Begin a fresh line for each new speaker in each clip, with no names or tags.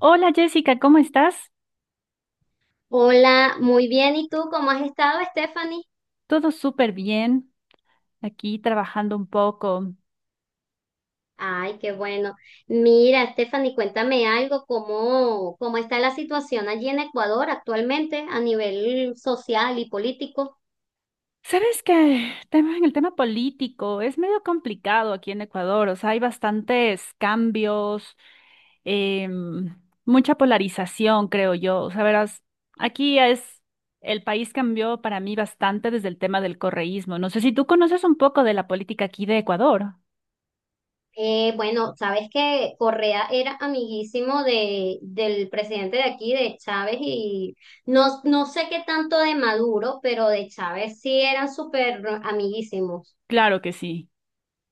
Hola Jessica, ¿cómo estás?
Hola, muy bien. ¿Y tú cómo has estado, Stephanie?
Todo súper bien, aquí trabajando un poco.
Ay, qué bueno. Mira, Stephanie, cuéntame algo, ¿cómo está la situación allí en Ecuador actualmente a nivel social y político?
Sabes que en el tema político es medio complicado aquí en Ecuador, o sea, hay bastantes cambios, em, mucha polarización, creo yo. O sea, verás, aquí es, el país cambió para mí bastante desde el tema del correísmo. No sé si tú conoces un poco de la política aquí de Ecuador.
Bueno, sabes que Correa era amiguísimo del presidente de aquí, de Chávez, y no sé qué tanto de Maduro, pero de Chávez sí eran súper amiguísimos,
Claro que sí.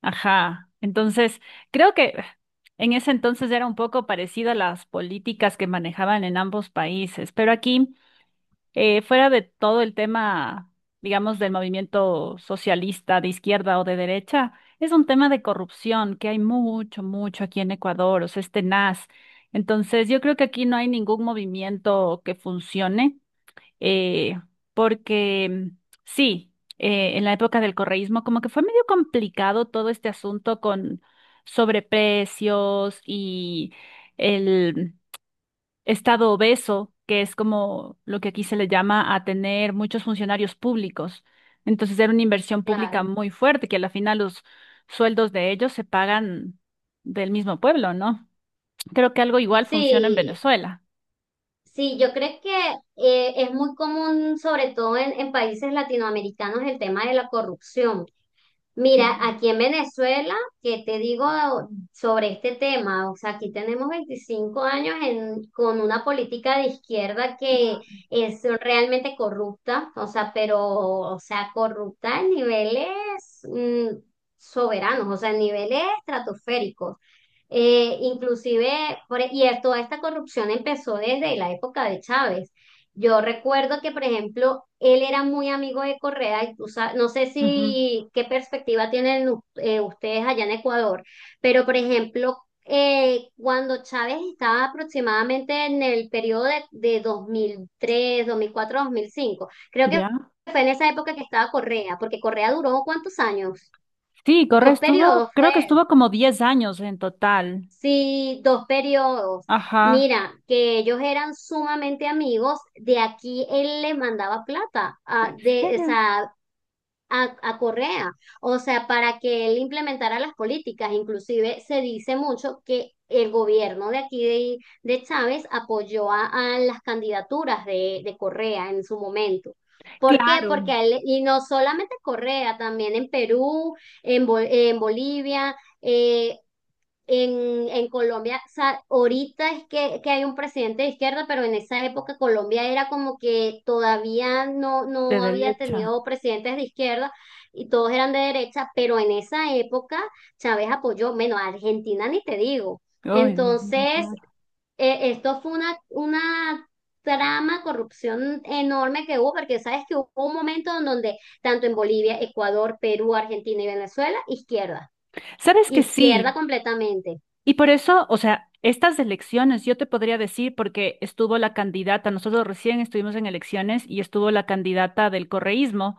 Ajá. Entonces, creo que en ese entonces era un poco parecido a las políticas que manejaban en ambos países, pero aquí, fuera de todo el tema, digamos, del movimiento socialista de izquierda o de derecha, es un tema de corrupción que hay mucho, mucho aquí en Ecuador, o sea, es tenaz. Entonces, yo creo que aquí no hay ningún movimiento que funcione eh, porque sí, en la época del correísmo como que fue medio complicado todo este asunto con sobreprecios y el estado obeso, que es como lo que aquí se le llama a tener muchos funcionarios públicos. Entonces era una inversión pública
claro.
muy fuerte, que a la final los sueldos de ellos se pagan del mismo pueblo, ¿no? Creo que algo igual funciona en
Sí,
Venezuela.
sí, yo creo que es muy común, sobre todo en países latinoamericanos, el tema de la corrupción. Mira,
Sí.
aquí en Venezuela, ¿que te digo sobre este tema? O sea, aquí tenemos 25 años con una política de izquierda que
Wow.
es realmente corrupta, o sea, pero, o sea, corrupta a niveles mm, soberanos, o sea, a niveles estratosféricos. Inclusive, y toda esta corrupción empezó desde la época de Chávez. Yo recuerdo que, por ejemplo, él era muy amigo de Correa y no sé
Ujú.
si qué perspectiva tienen ustedes allá en Ecuador, pero, por ejemplo, cuando Chávez estaba aproximadamente en el periodo de dos mil tres 2004 2005 creo que
¿Ya?
fue en esa época que estaba Correa, porque Correa duró ¿cuántos años?
Sí, Correa
Dos
estuvo,
periodos fue.
creo que estuvo como 10 años en total.
Sí, dos periodos.
Ajá.
Mira, que ellos eran sumamente amigos. De aquí él le mandaba plata
¿En
o
serio?
sea, a Correa, o sea, para que él implementara las políticas. Inclusive se dice mucho que el gobierno de aquí de Chávez apoyó a las candidaturas de Correa en su momento. ¿Por qué?
Claro,
Porque a él, y no solamente Correa, también en Perú, en Bolivia eh, en Colombia, o sea, ahorita es que hay un presidente de izquierda, pero en esa época Colombia era como que todavía no,
de
no había
derecha.
tenido presidentes de izquierda y todos eran de derecha, pero en esa época Chávez apoyó, menos a Argentina ni te digo.
Ay, Dios mío,
Entonces,
claro.
esto fue una trama, corrupción enorme que hubo, porque sabes que hubo un momento en donde tanto en Bolivia, Ecuador, Perú, Argentina y Venezuela, izquierda,
¿Sabes que sí?
izquierda completamente.
Y por eso, o sea, estas elecciones, yo te podría decir, porque estuvo la candidata, nosotros recién estuvimos en elecciones y estuvo la candidata del correísmo,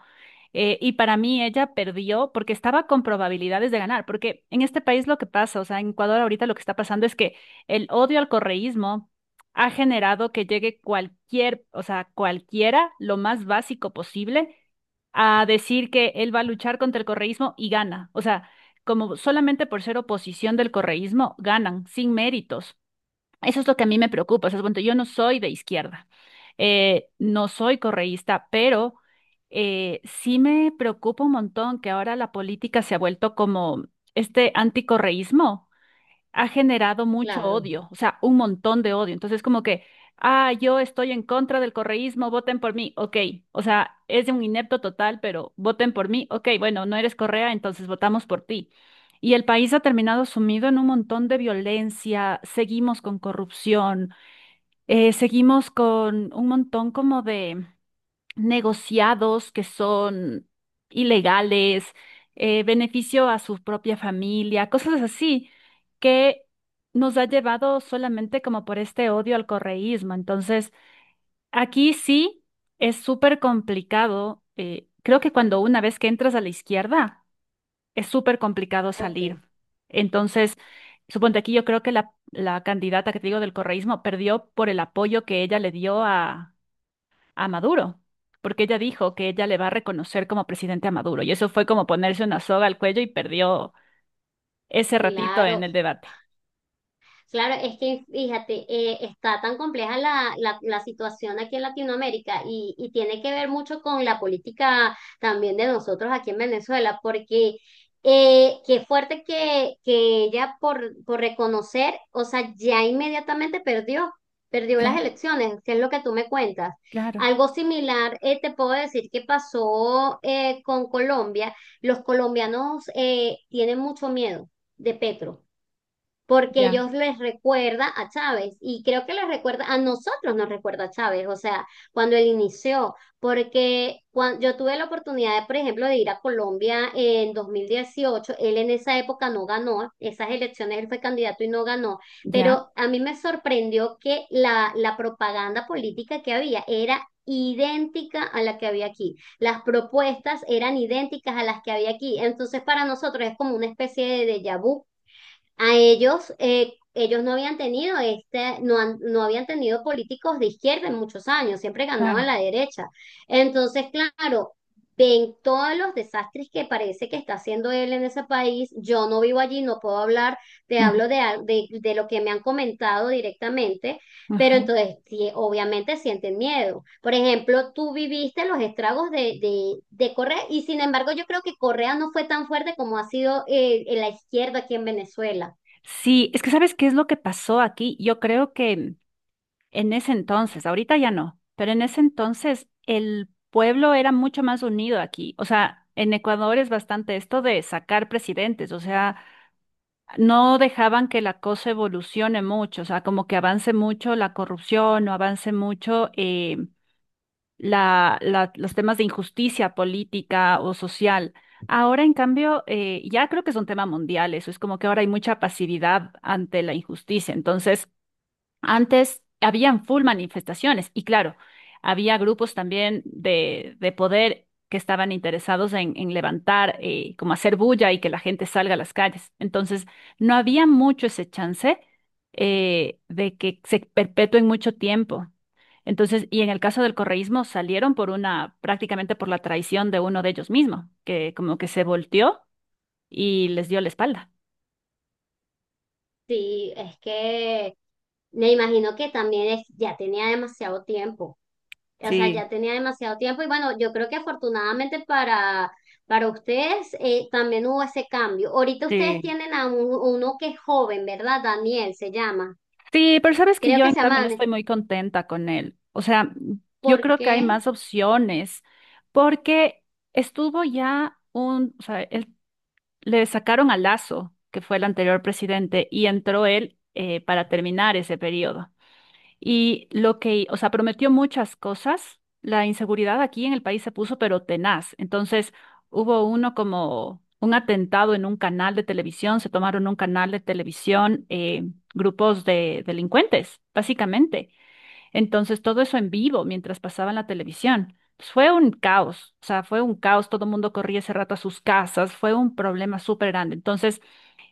y para mí ella perdió porque estaba con probabilidades de ganar, porque en este país lo que pasa, o sea, en Ecuador ahorita lo que está pasando es que el odio al correísmo ha generado que llegue cualquier, o sea, cualquiera, lo más básico posible, a decir que él va a luchar contra el correísmo y gana. O sea, como solamente por ser oposición del correísmo, ganan sin méritos. Eso es lo que a mí me preocupa. O sea, bueno, yo no soy de izquierda, no soy correísta, pero sí me preocupa un montón que ahora la política se ha vuelto como este anticorreísmo ha generado mucho
Claro,
odio, o sea, un montón de odio. Entonces, como que, ah, yo estoy en contra del correísmo, voten por mí, ok. O sea, es un inepto total, pero voten por mí, ok, bueno, no eres Correa, entonces votamos por ti. Y el país ha terminado sumido en un montón de violencia, seguimos con corrupción, seguimos con un montón como de negociados que son ilegales, beneficio a su propia familia, cosas así que nos ha llevado solamente como por este odio al correísmo. Entonces, aquí sí es súper complicado. Creo que cuando una vez que entras a la izquierda, es súper complicado
ok,
salir. Entonces, suponte aquí yo creo que la candidata que te digo del correísmo perdió por el apoyo que ella le dio a Maduro, porque ella dijo que ella le va a reconocer como presidente a Maduro, y eso fue como ponerse una soga al cuello y perdió ese ratito en
claro.
el debate.
Claro, es que fíjate, está tan compleja la situación aquí en Latinoamérica y tiene que ver mucho con la política también de nosotros aquí en Venezuela, porque qué fuerte que ella por reconocer, o sea, ya inmediatamente perdió las
Claro,
elecciones, que es lo que tú me cuentas.
claro,
Algo similar, te puedo decir que pasó con Colombia. Los colombianos tienen mucho miedo de Petro porque
ya,
ellos les recuerda a Chávez y creo que les recuerda a nosotros nos recuerda a Chávez, o sea, cuando él inició, porque cuando yo tuve la oportunidad de, por ejemplo, de ir a Colombia en 2018, él en esa época no ganó, esas elecciones él fue candidato y no ganó,
ya,
pero a mí me sorprendió que la propaganda política que había era idéntica a la que había aquí. Las propuestas eran idénticas a las que había aquí. Entonces, para nosotros es como una especie de déjà vu a ellos, ellos no habían tenido este, no habían tenido políticos de izquierda en muchos años, siempre ganaban
claro.
la derecha. Entonces, claro, ven todos los desastres que parece que está haciendo él en ese país. Yo no vivo allí, no puedo hablar, te
Ujú,
hablo de lo que me han comentado directamente, pero
ajá.
entonces sí, obviamente sienten miedo. Por ejemplo, tú viviste los estragos de Correa y sin embargo yo creo que Correa no fue tan fuerte como ha sido la izquierda aquí en Venezuela.
Sí, es que ¿sabes qué es lo que pasó aquí? Yo creo que en ese entonces, ahorita ya no, pero en ese entonces el pueblo era mucho más unido aquí. O sea, en Ecuador es bastante esto de sacar presidentes, o sea, no dejaban que la cosa evolucione mucho, o sea, como que avance mucho la corrupción o avance mucho los temas de injusticia política o social. Ahora, en cambio, ya creo que es un tema mundial, eso es como que ahora hay mucha pasividad ante la injusticia. Entonces, antes habían full manifestaciones y claro, había grupos también de poder que estaban interesados en levantar, como hacer bulla y que la gente salga a las calles. Entonces, no había mucho ese chance de que se perpetúen mucho tiempo. Entonces, y en el caso del correísmo salieron por una, prácticamente por la traición de uno de ellos mismo, que como que se volteó y les dio la espalda.
Sí, es que me imagino que también ya tenía demasiado tiempo. O sea, ya
Sí,
tenía demasiado tiempo y bueno, yo creo que afortunadamente para ustedes también hubo ese cambio. Ahorita ustedes
sí.
tienen a uno que es joven, ¿verdad? Daniel se llama.
Sí, pero sabes que
Creo
yo
que
en
se
cambio
llama
no
Daniel.
estoy muy contenta con él. O sea, yo
¿Por
creo que hay más
qué?
opciones porque estuvo ya un, o sea, él- le sacaron a Lazo, que fue el anterior presidente, y entró él para terminar ese periodo. Y lo que, o sea, prometió muchas cosas. La inseguridad aquí en el país se puso pero tenaz. Entonces, hubo uno como un atentado en un canal de televisión, se tomaron un canal de televisión, grupos de delincuentes, básicamente. Entonces, todo eso en vivo mientras pasaba en la televisión. Pues fue un caos, o sea, fue un caos, todo el mundo corría ese rato a sus casas, fue un problema súper grande. Entonces,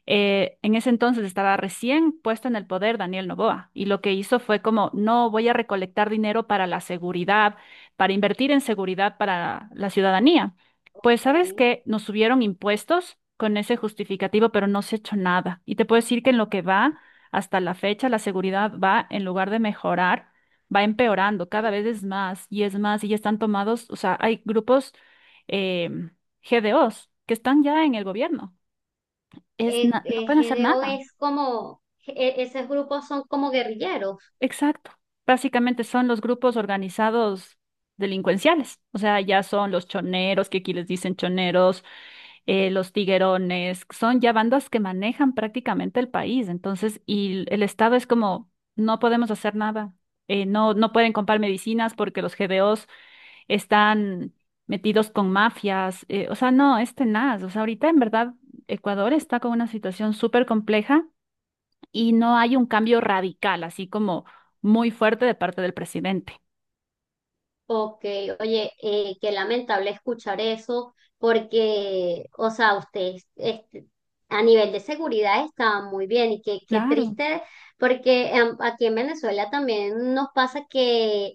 en ese entonces estaba recién puesto en el poder Daniel Noboa y lo que hizo fue como, no voy a recolectar dinero para la seguridad, para invertir en seguridad para la ciudadanía. Pues sabes
Ok.
que nos subieron impuestos con ese justificativo, pero no se ha hecho nada. Y te puedo decir que en lo que va hasta la fecha, la seguridad va, en lugar de mejorar, va empeorando, cada vez es más y ya están tomados, o sea, hay grupos eh, GDOs que están ya en el gobierno no pueden hacer
GDO
nada.
es como, esos grupos son como guerrilleros.
Exacto. Básicamente son los grupos organizados delincuenciales. O sea, ya son los choneros, que aquí les dicen choneros, los tiguerones, son ya bandas que manejan prácticamente el país. Entonces, y el Estado es como, no podemos hacer nada. No, no pueden comprar medicinas porque los GBOs están metidos con mafias. O sea, no, es tenaz. O sea, ahorita en verdad Ecuador está con una situación súper compleja y no hay un cambio radical, así como muy fuerte de parte del presidente.
Ok, oye, qué lamentable escuchar eso, porque, o sea, ustedes este, a nivel de seguridad estaban muy bien y qué
Claro.
triste, porque aquí en Venezuela también nos pasa que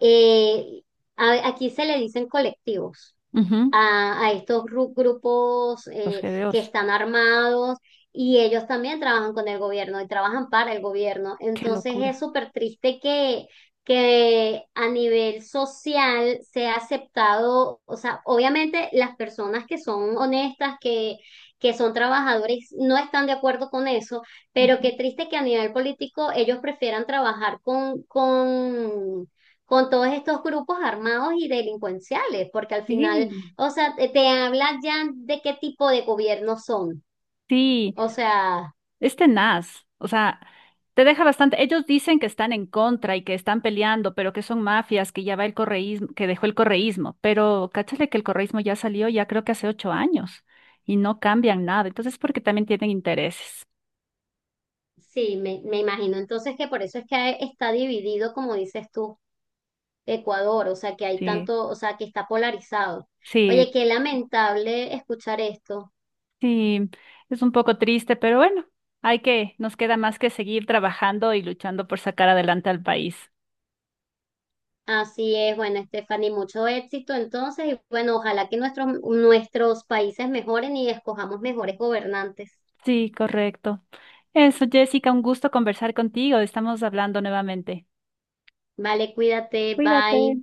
eh, aquí se le dicen colectivos
Ujú,
a estos grupos
los
que
GDOs.
están armados y ellos también trabajan con el gobierno y trabajan para el gobierno.
Qué
Entonces es
locura.
súper triste que a nivel social sea aceptado, o sea, obviamente las personas que son honestas, que son trabajadores, no están de acuerdo con eso, pero
Ujú.
qué triste que a nivel político ellos prefieran trabajar con todos estos grupos armados y delincuenciales, porque al final
Sí.
o sea, te habla ya de qué tipo de gobierno son.
Sí,
O sea,
es tenaz. O sea, te deja bastante. Ellos dicen que están en contra y que están peleando, pero que son mafias, que ya va el correísmo, que dejó el correísmo. Pero cáchale que el correísmo ya salió ya creo que hace 8 años y no cambian nada. Entonces, porque también tienen intereses.
sí, me imagino. Entonces que por eso es que está dividido, como dices tú, Ecuador. O sea, que hay
Sí.
tanto, o sea, que está polarizado. Oye,
Sí,
qué lamentable escuchar esto.
sí, es un poco triste, pero bueno, hay que, nos queda más que seguir trabajando y luchando por sacar adelante al país.
Así es, bueno, Stephanie, mucho éxito entonces. Y bueno, ojalá que nuestros países mejoren y escojamos mejores gobernantes.
Sí, correcto. Eso, Jessica, un gusto conversar contigo. Estamos hablando nuevamente.
Vale, cuídate,
Cuídate.
bye.